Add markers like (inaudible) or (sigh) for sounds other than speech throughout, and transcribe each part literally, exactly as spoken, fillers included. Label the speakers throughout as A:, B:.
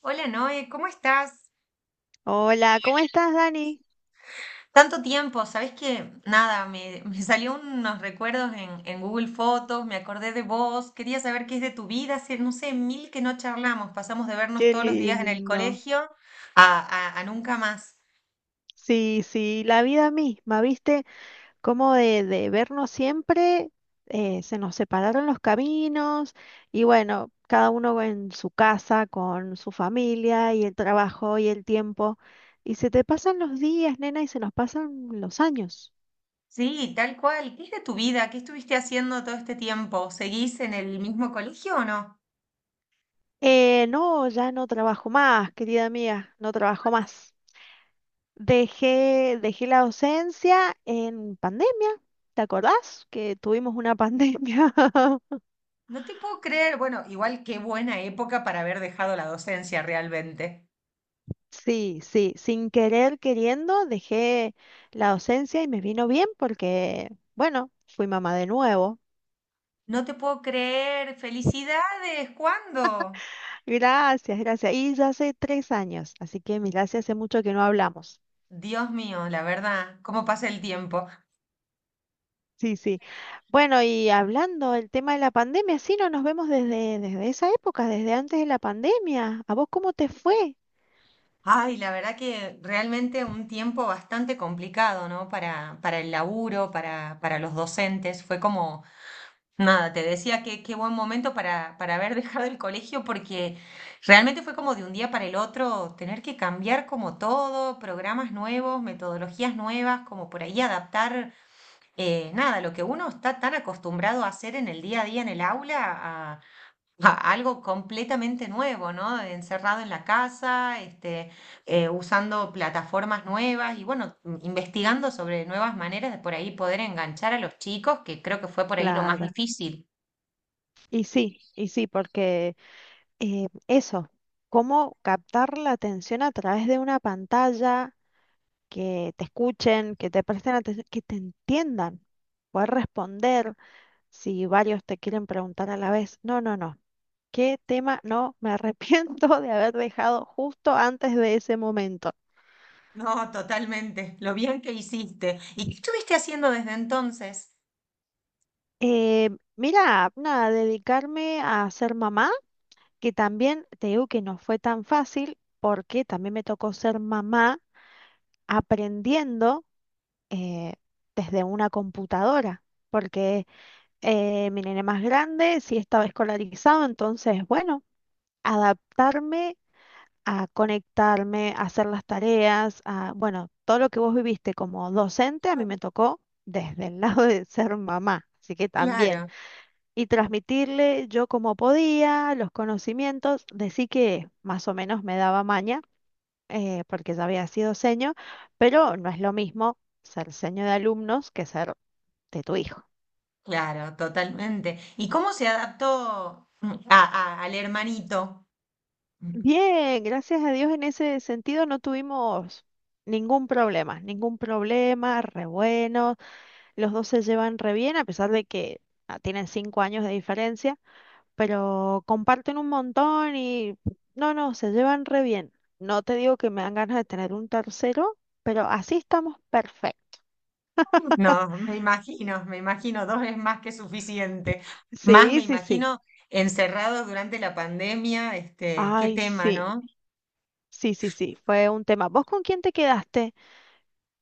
A: Hola Noé, ¿cómo estás?
B: Hola, ¿cómo estás, Dani?
A: Tanto tiempo, ¿sabés que Nada, me, me salió unos recuerdos en, en Google Fotos, me acordé de vos, quería saber qué es de tu vida, hace, no sé, mil que no charlamos, pasamos de vernos
B: Qué
A: todos los días en el
B: lindo.
A: colegio a, a- a nunca más.
B: Sí, sí, la vida misma, ¿viste? Como de, de vernos siempre, eh, se nos separaron los caminos y bueno, cada uno en su casa, con su familia y el trabajo y el tiempo. Y se te pasan los días, nena, y se nos pasan los años.
A: Sí, tal cual, ¿qué es de tu vida? ¿Qué estuviste haciendo todo este tiempo? ¿Seguís en el mismo colegio o no?
B: Eh, no, ya no trabajo más, querida mía, no trabajo más. Dejé, dejé la docencia en pandemia, ¿te acordás? Que tuvimos una pandemia. (laughs)
A: No te puedo creer, bueno, igual qué buena época para haber dejado la docencia realmente.
B: Sí, sí, sin querer queriendo dejé la docencia y me vino bien porque, bueno, fui mamá de nuevo.
A: No te puedo creer, felicidades, ¿cuándo?
B: Gracias, gracias. Y ya hace tres años, así que gracias, hace mucho que no hablamos.
A: Dios mío, la verdad, cómo pasa el tiempo.
B: Sí, sí. Bueno, y hablando del tema de la pandemia, sí, no nos vemos desde, desde esa época, desde antes de la pandemia. ¿A vos cómo te fue?
A: Ay, la verdad que realmente un tiempo bastante complicado, ¿no? Para, para el laburo, para, para los docentes. Fue como, nada, te decía que qué buen momento para, para haber (laughs) dejado el colegio porque realmente fue como de un día para el otro tener que cambiar como todo, programas nuevos, metodologías nuevas, como por ahí adaptar, eh, nada, lo que uno está tan acostumbrado a hacer en el día a día en el aula a- algo completamente nuevo, ¿no? Encerrado en la casa, este, eh, usando plataformas nuevas y bueno, m- investigando sobre nuevas maneras de por ahí poder enganchar a los chicos, que creo que fue por ahí lo más
B: Claro.
A: difícil.
B: Y sí, y sí, porque eh, eso, cómo captar la atención a través de una pantalla, que te escuchen, que te presten atención, que te entiendan, poder responder si varios te quieren preguntar a la vez. No, no, no. ¿Qué tema? No, me arrepiento (laughs) de haber dejado justo antes de ese momento.
A: No, totalmente. Lo bien que hiciste. ¿Y qué estuviste haciendo desde entonces?
B: Eh, Mira, nada, dedicarme a ser mamá, que también te digo que no fue tan fácil porque también me tocó ser mamá aprendiendo eh, desde una computadora, porque eh, mi nene más grande sí estaba escolarizado, entonces, bueno, adaptarme a conectarme, a hacer las tareas, a, bueno, todo lo que vos viviste como docente, a mí me tocó desde el (laughs) lado de ser mamá. Así que también,
A: Claro,
B: y transmitirle yo como podía los conocimientos, de sí que más o menos me daba maña, eh, porque ya había sido seño, pero no es lo mismo ser seño de alumnos que ser de tu hijo.
A: claro, totalmente. ¿Y cómo se adaptó mm, a- a- al hermanito?
B: Bien, gracias a Dios en ese sentido no tuvimos ningún problema, ningún problema, re bueno, los dos se llevan re bien a pesar de que ah, tienen cinco años de diferencia, pero comparten un montón y no, no, se llevan re bien. No te digo que me dan ganas de tener un tercero, pero así estamos perfectos.
A: No, me imagino, me imagino, dos es más que suficiente. Más
B: Sí,
A: me
B: sí, sí.
A: imagino encerrados durante la pandemia, este, qué
B: Ay,
A: tema,
B: sí.
A: ¿no?
B: Sí, sí, sí, fue un tema. ¿Vos con quién te quedaste?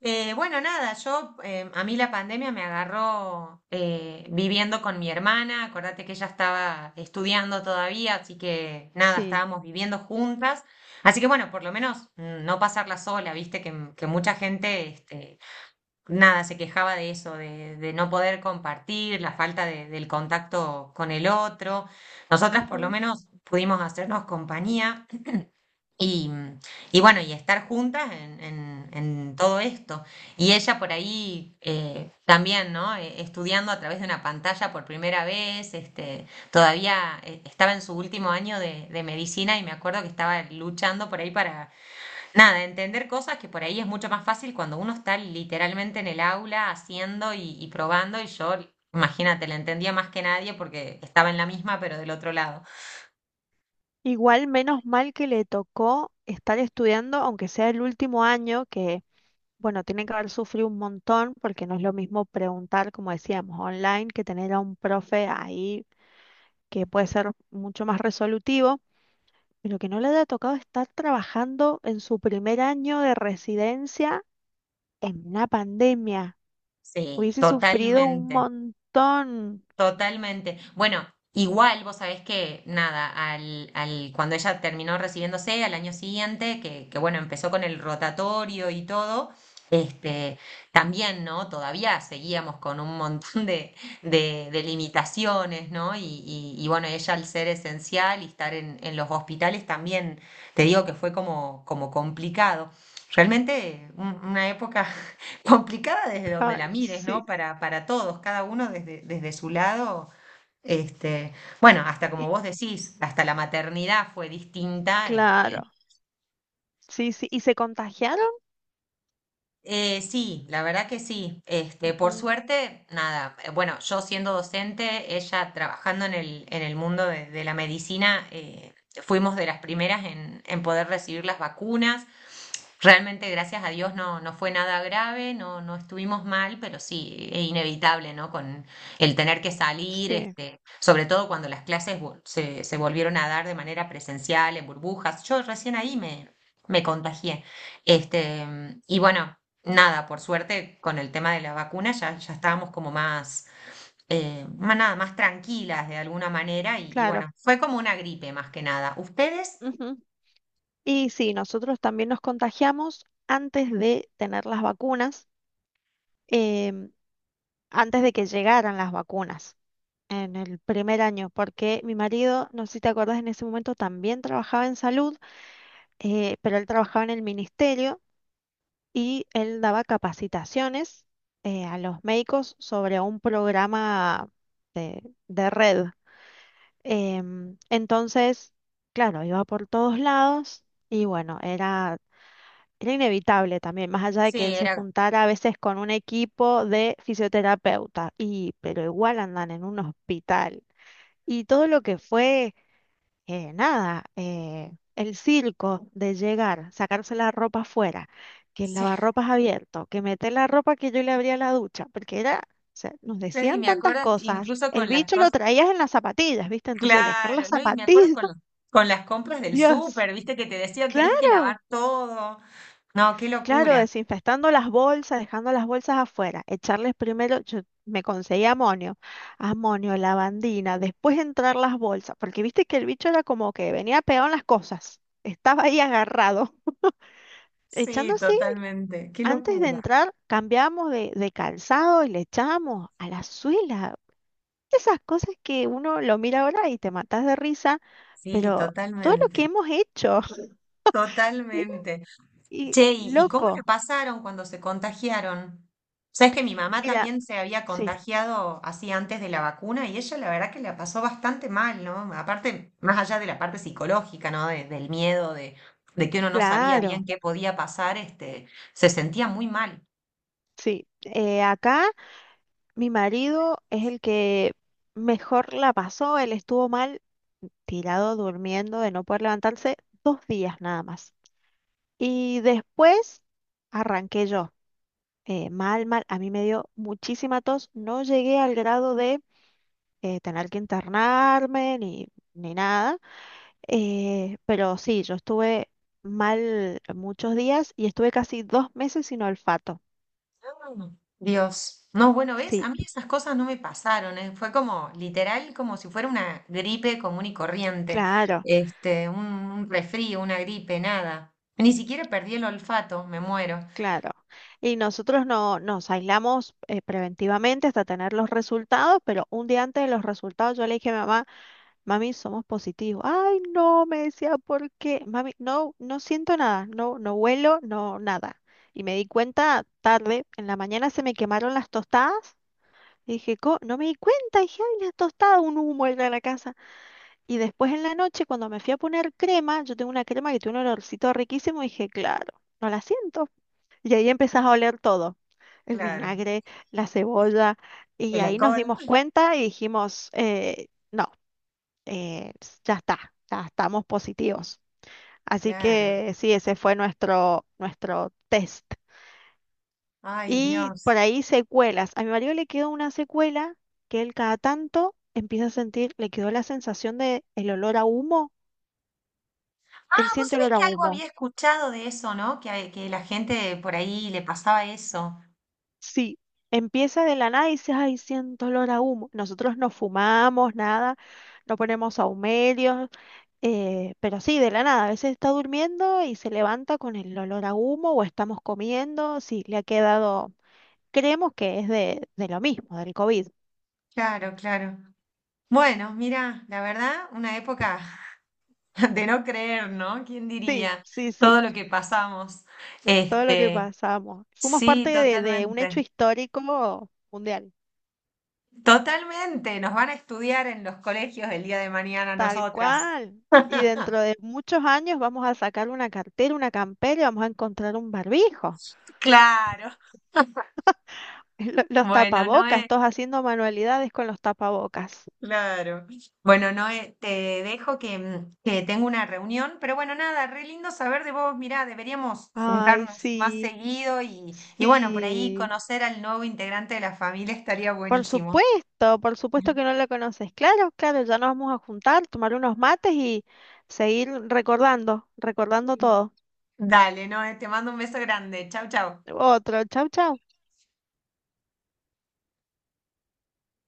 A: Eh, bueno, nada, yo, em, a mí la pandemia me agarró eh, viviendo con mi hermana, acordate que ella estaba estudiando todavía, así que nada,
B: Sí.
A: estábamos viviendo juntas. Así que bueno, por lo menos mm, no pasarla sola, viste que, m- que mucha gente, este, nada, se quejaba de eso, de, de no poder compartir, la falta de- del contacto con el otro. Nosotras por lo
B: Ujú.
A: menos pudimos hacernos compañía y, y bueno, y estar juntas en, en- en todo esto. Y ella por ahí eh, también, ¿no? Eh, Estudiando a través de una pantalla por primera vez, este, todavía eh, estaba en su último año de, de medicina y me acuerdo que estaba luchando por ahí para nada, entender cosas que por ahí es mucho más fácil cuando uno está literalmente en el aula haciendo y, y probando y yo, imagínate, la entendía más que nadie porque estaba en la misma pero del otro lado.
B: Igual menos mal que le tocó estar estudiando, aunque sea el último año, que bueno, tiene que haber sufrido un montón, porque no es lo mismo preguntar, como decíamos, online, que tener a un profe ahí que puede ser mucho más resolutivo, pero que no le haya tocado estar trabajando en su primer año de residencia en una pandemia.
A: Sí.
B: Hubiese sufrido un
A: Totalmente.
B: montón.
A: Totalmente. Bueno, igual vos sabés que, nada, al, al, cuando ella terminó recibiéndose al año siguiente, que, que bueno, empezó con el rotatorio y todo, este, también, ¿no? Todavía seguíamos con un montón de, de, de limitaciones, ¿no? Y, y, y, bueno, ella al ser esencial y estar en, en los hospitales también, te digo que fue como, como complicado. Realmente un- una época complicada desde donde
B: Ay,
A: la mires,
B: sí.
A: ¿no? Para, para todos, cada uno desde, desde su lado. Este, bueno, hasta
B: Y
A: como vos decís, hasta la maternidad fue distinta, este.
B: claro. Sí, sí, y se contagiaron.
A: Eh, sí, la verdad que sí. Este, por
B: Ujú,
A: suerte, nada. eh, Bueno, yo siendo docente, ella trabajando en el, en el mundo de, de la medicina, eh, fuimos de las primeras en, en poder recibir las vacunas. Realmente, gracias a Dios, no, no fue nada grave, no, no estuvimos mal, pero sí, es inevitable, ¿no? Con el tener que salir,
B: sí,
A: este, sobre todo cuando las clases vol- se, se volvieron a dar de manera presencial, en burbujas. Yo recién ahí me, me contagié. Este, y bueno nada, por suerte, con el tema de la vacuna ya, ya estábamos como más, eh, más nada, más tranquilas de alguna manera y, y
B: claro.
A: bueno, fue como una gripe más que nada. ¿Ustedes?
B: Ujú. Y sí, nosotros también nos contagiamos antes de tener las vacunas, em, antes de que llegaran las vacunas en el primer año, porque mi marido, no sé si te acordás, en ese momento también trabajaba en salud, eh, pero él trabajaba en el ministerio y él daba capacitaciones eh, a los médicos sobre un programa de, de red. Em, entonces, claro, iba por todos lados y bueno, era, era inevitable también, más allá de que
A: Sí,
B: él se
A: era,
B: juntara a veces con un equipo de fisioterapeuta, y, pero igual andan en un hospital. Y todo lo que fue eh, nada, eh, el circo de llegar, sacarse la ropa afuera, que el
A: sí, (laughs)
B: lavarropas abierto, que meter la ropa que yo le abría la ducha, porque era, o sea, nos
A: claro, y
B: decían
A: me
B: tantas
A: acuerdo
B: cosas,
A: incluso
B: el
A: con las
B: bicho lo
A: cosas,
B: traías en las zapatillas, ¿viste? Entonces dejar las
A: claro, ¿no? Y me acuerdo
B: zapatillas,
A: con las,
B: (laughs)
A: con las compras del
B: Dios,
A: súper, viste que te decían tenés que lavar
B: claro.
A: todo. No, qué
B: Claro,
A: locura.
B: desinfectando las bolsas, dejando las bolsas afuera, echarles primero, yo me conseguí amonio, amonio, lavandina, después entrar las bolsas, porque viste que el bicho era como que venía pegado en las cosas, estaba ahí agarrado. (laughs) Echando
A: Sí,
B: así,
A: totalmente, qué
B: antes de
A: locura.
B: entrar, cambiamos de, de calzado y le echamos a la suela. Esas cosas que uno lo mira ahora y te matas de risa,
A: Sí,
B: pero todo lo que
A: totalmente,
B: hemos hecho,
A: totalmente.
B: (laughs) y
A: Che, ¿y y cómo la
B: loco,
A: pasaron cuando se contagiaron? Sabes que mi mamá
B: mira,
A: también se había
B: sí,
A: contagiado así antes de la vacuna y ella la verdad que la pasó bastante mal, ¿no? Aparte, más allá de la parte psicológica, ¿no? De- del miedo, de, de que uno no sabía bien
B: claro.
A: qué podía pasar, este, se sentía muy mal.
B: Sí, eh, acá mi marido es el que mejor la pasó. Él estuvo mal tirado durmiendo de no poder levantarse dos días nada más. Y después arranqué yo. eh, mal, mal. A mí me dio muchísima tos. No llegué al grado de eh, tener que internarme ni, ni nada. eh, pero sí, yo estuve mal muchos días y estuve casi dos meses sin olfato.
A: Mm. Dios. No, bueno, ¿ves?
B: Sí,
A: A mí esas cosas no me pasaron, ¿eh? Fue como literal, como si fuera una gripe común y corriente,
B: claro.
A: este, un, un resfrío, una gripe, nada. Ni siquiera perdí el olfato, me muero.
B: Claro. Y nosotros no nos aislamos eh, preventivamente hasta tener los resultados, pero un día antes de los resultados yo le dije a mi mamá, mami, somos positivos. Ay, no, me decía, ¿por qué? Mami, no, no siento nada, no, no huelo, no, nada. Y me di cuenta tarde, en la mañana se me quemaron las tostadas. Y dije, "Co- no me di cuenta, dije, ay, las tostadas, un humo era de la casa. Y después en la noche, cuando me fui a poner crema, yo tengo una crema que tiene un olorcito riquísimo, dije, claro, no la siento. Y ahí empezás a oler todo, el
A: Claro,
B: vinagre, la cebolla, y
A: el
B: ahí nos
A: alcohol.
B: dimos cuenta y dijimos, eh, no, eh, ya está, ya estamos positivos. Así
A: Claro.
B: que sí, ese fue nuestro, nuestro test.
A: Ay,
B: Y
A: Dios.
B: por ahí secuelas. A mi marido le quedó una secuela que él cada tanto empieza a sentir, le quedó la sensación de el olor a humo. Él
A: Ah, vos
B: siente
A: sabés
B: olor a
A: que algo
B: humo.
A: había escuchado de eso, ¿no? Que, a- que la gente por ahí le pasaba eso.
B: Sí, empieza de la nada y dices, ay, siento olor a humo. Nosotros no fumamos nada, no ponemos ahumerios, eh, pero sí, de la nada. A veces está durmiendo y se levanta con el olor a humo o estamos comiendo. Sí, le ha quedado, creemos que es de, de lo mismo, del COVID.
A: Claro, claro. Bueno, mira, la verdad, una época (laughs) de no creer, ¿no? ¿Quién
B: Sí,
A: diría
B: sí, sí,
A: todo lo que pasamos?
B: todo lo que
A: Este,
B: pasamos. Fuimos
A: sí,
B: parte de, de un
A: totalmente.
B: hecho histórico mundial,
A: Totalmente. Nos van a estudiar en los colegios el día de mañana
B: tal
A: nosotras.
B: cual. Y
A: (laughs)
B: dentro de muchos años vamos a sacar una cartera, una campera y vamos a encontrar un barbijo.
A: Claro.
B: Lo- Los
A: Bueno,
B: tapabocas,
A: Noé,
B: todos haciendo manualidades con los tapabocas.
A: claro. Bueno, Noé, te dejo que, mm, que tengo una reunión, pero bueno, nada, re lindo saber de vos. Mirá, deberíamos
B: Ay,
A: juntarnos más
B: sí,
A: seguido y, y bueno, por ahí
B: sí.
A: conocer al nuevo integrante de la familia estaría
B: Por
A: buenísimo.
B: supuesto, por supuesto que no lo conoces. Claro, claro, ya nos vamos a juntar, tomar unos mates y seguir recordando, recordando todo.
A: Dale, no, te mando un beso grande. Chau, chau.
B: Otro, chau, chau.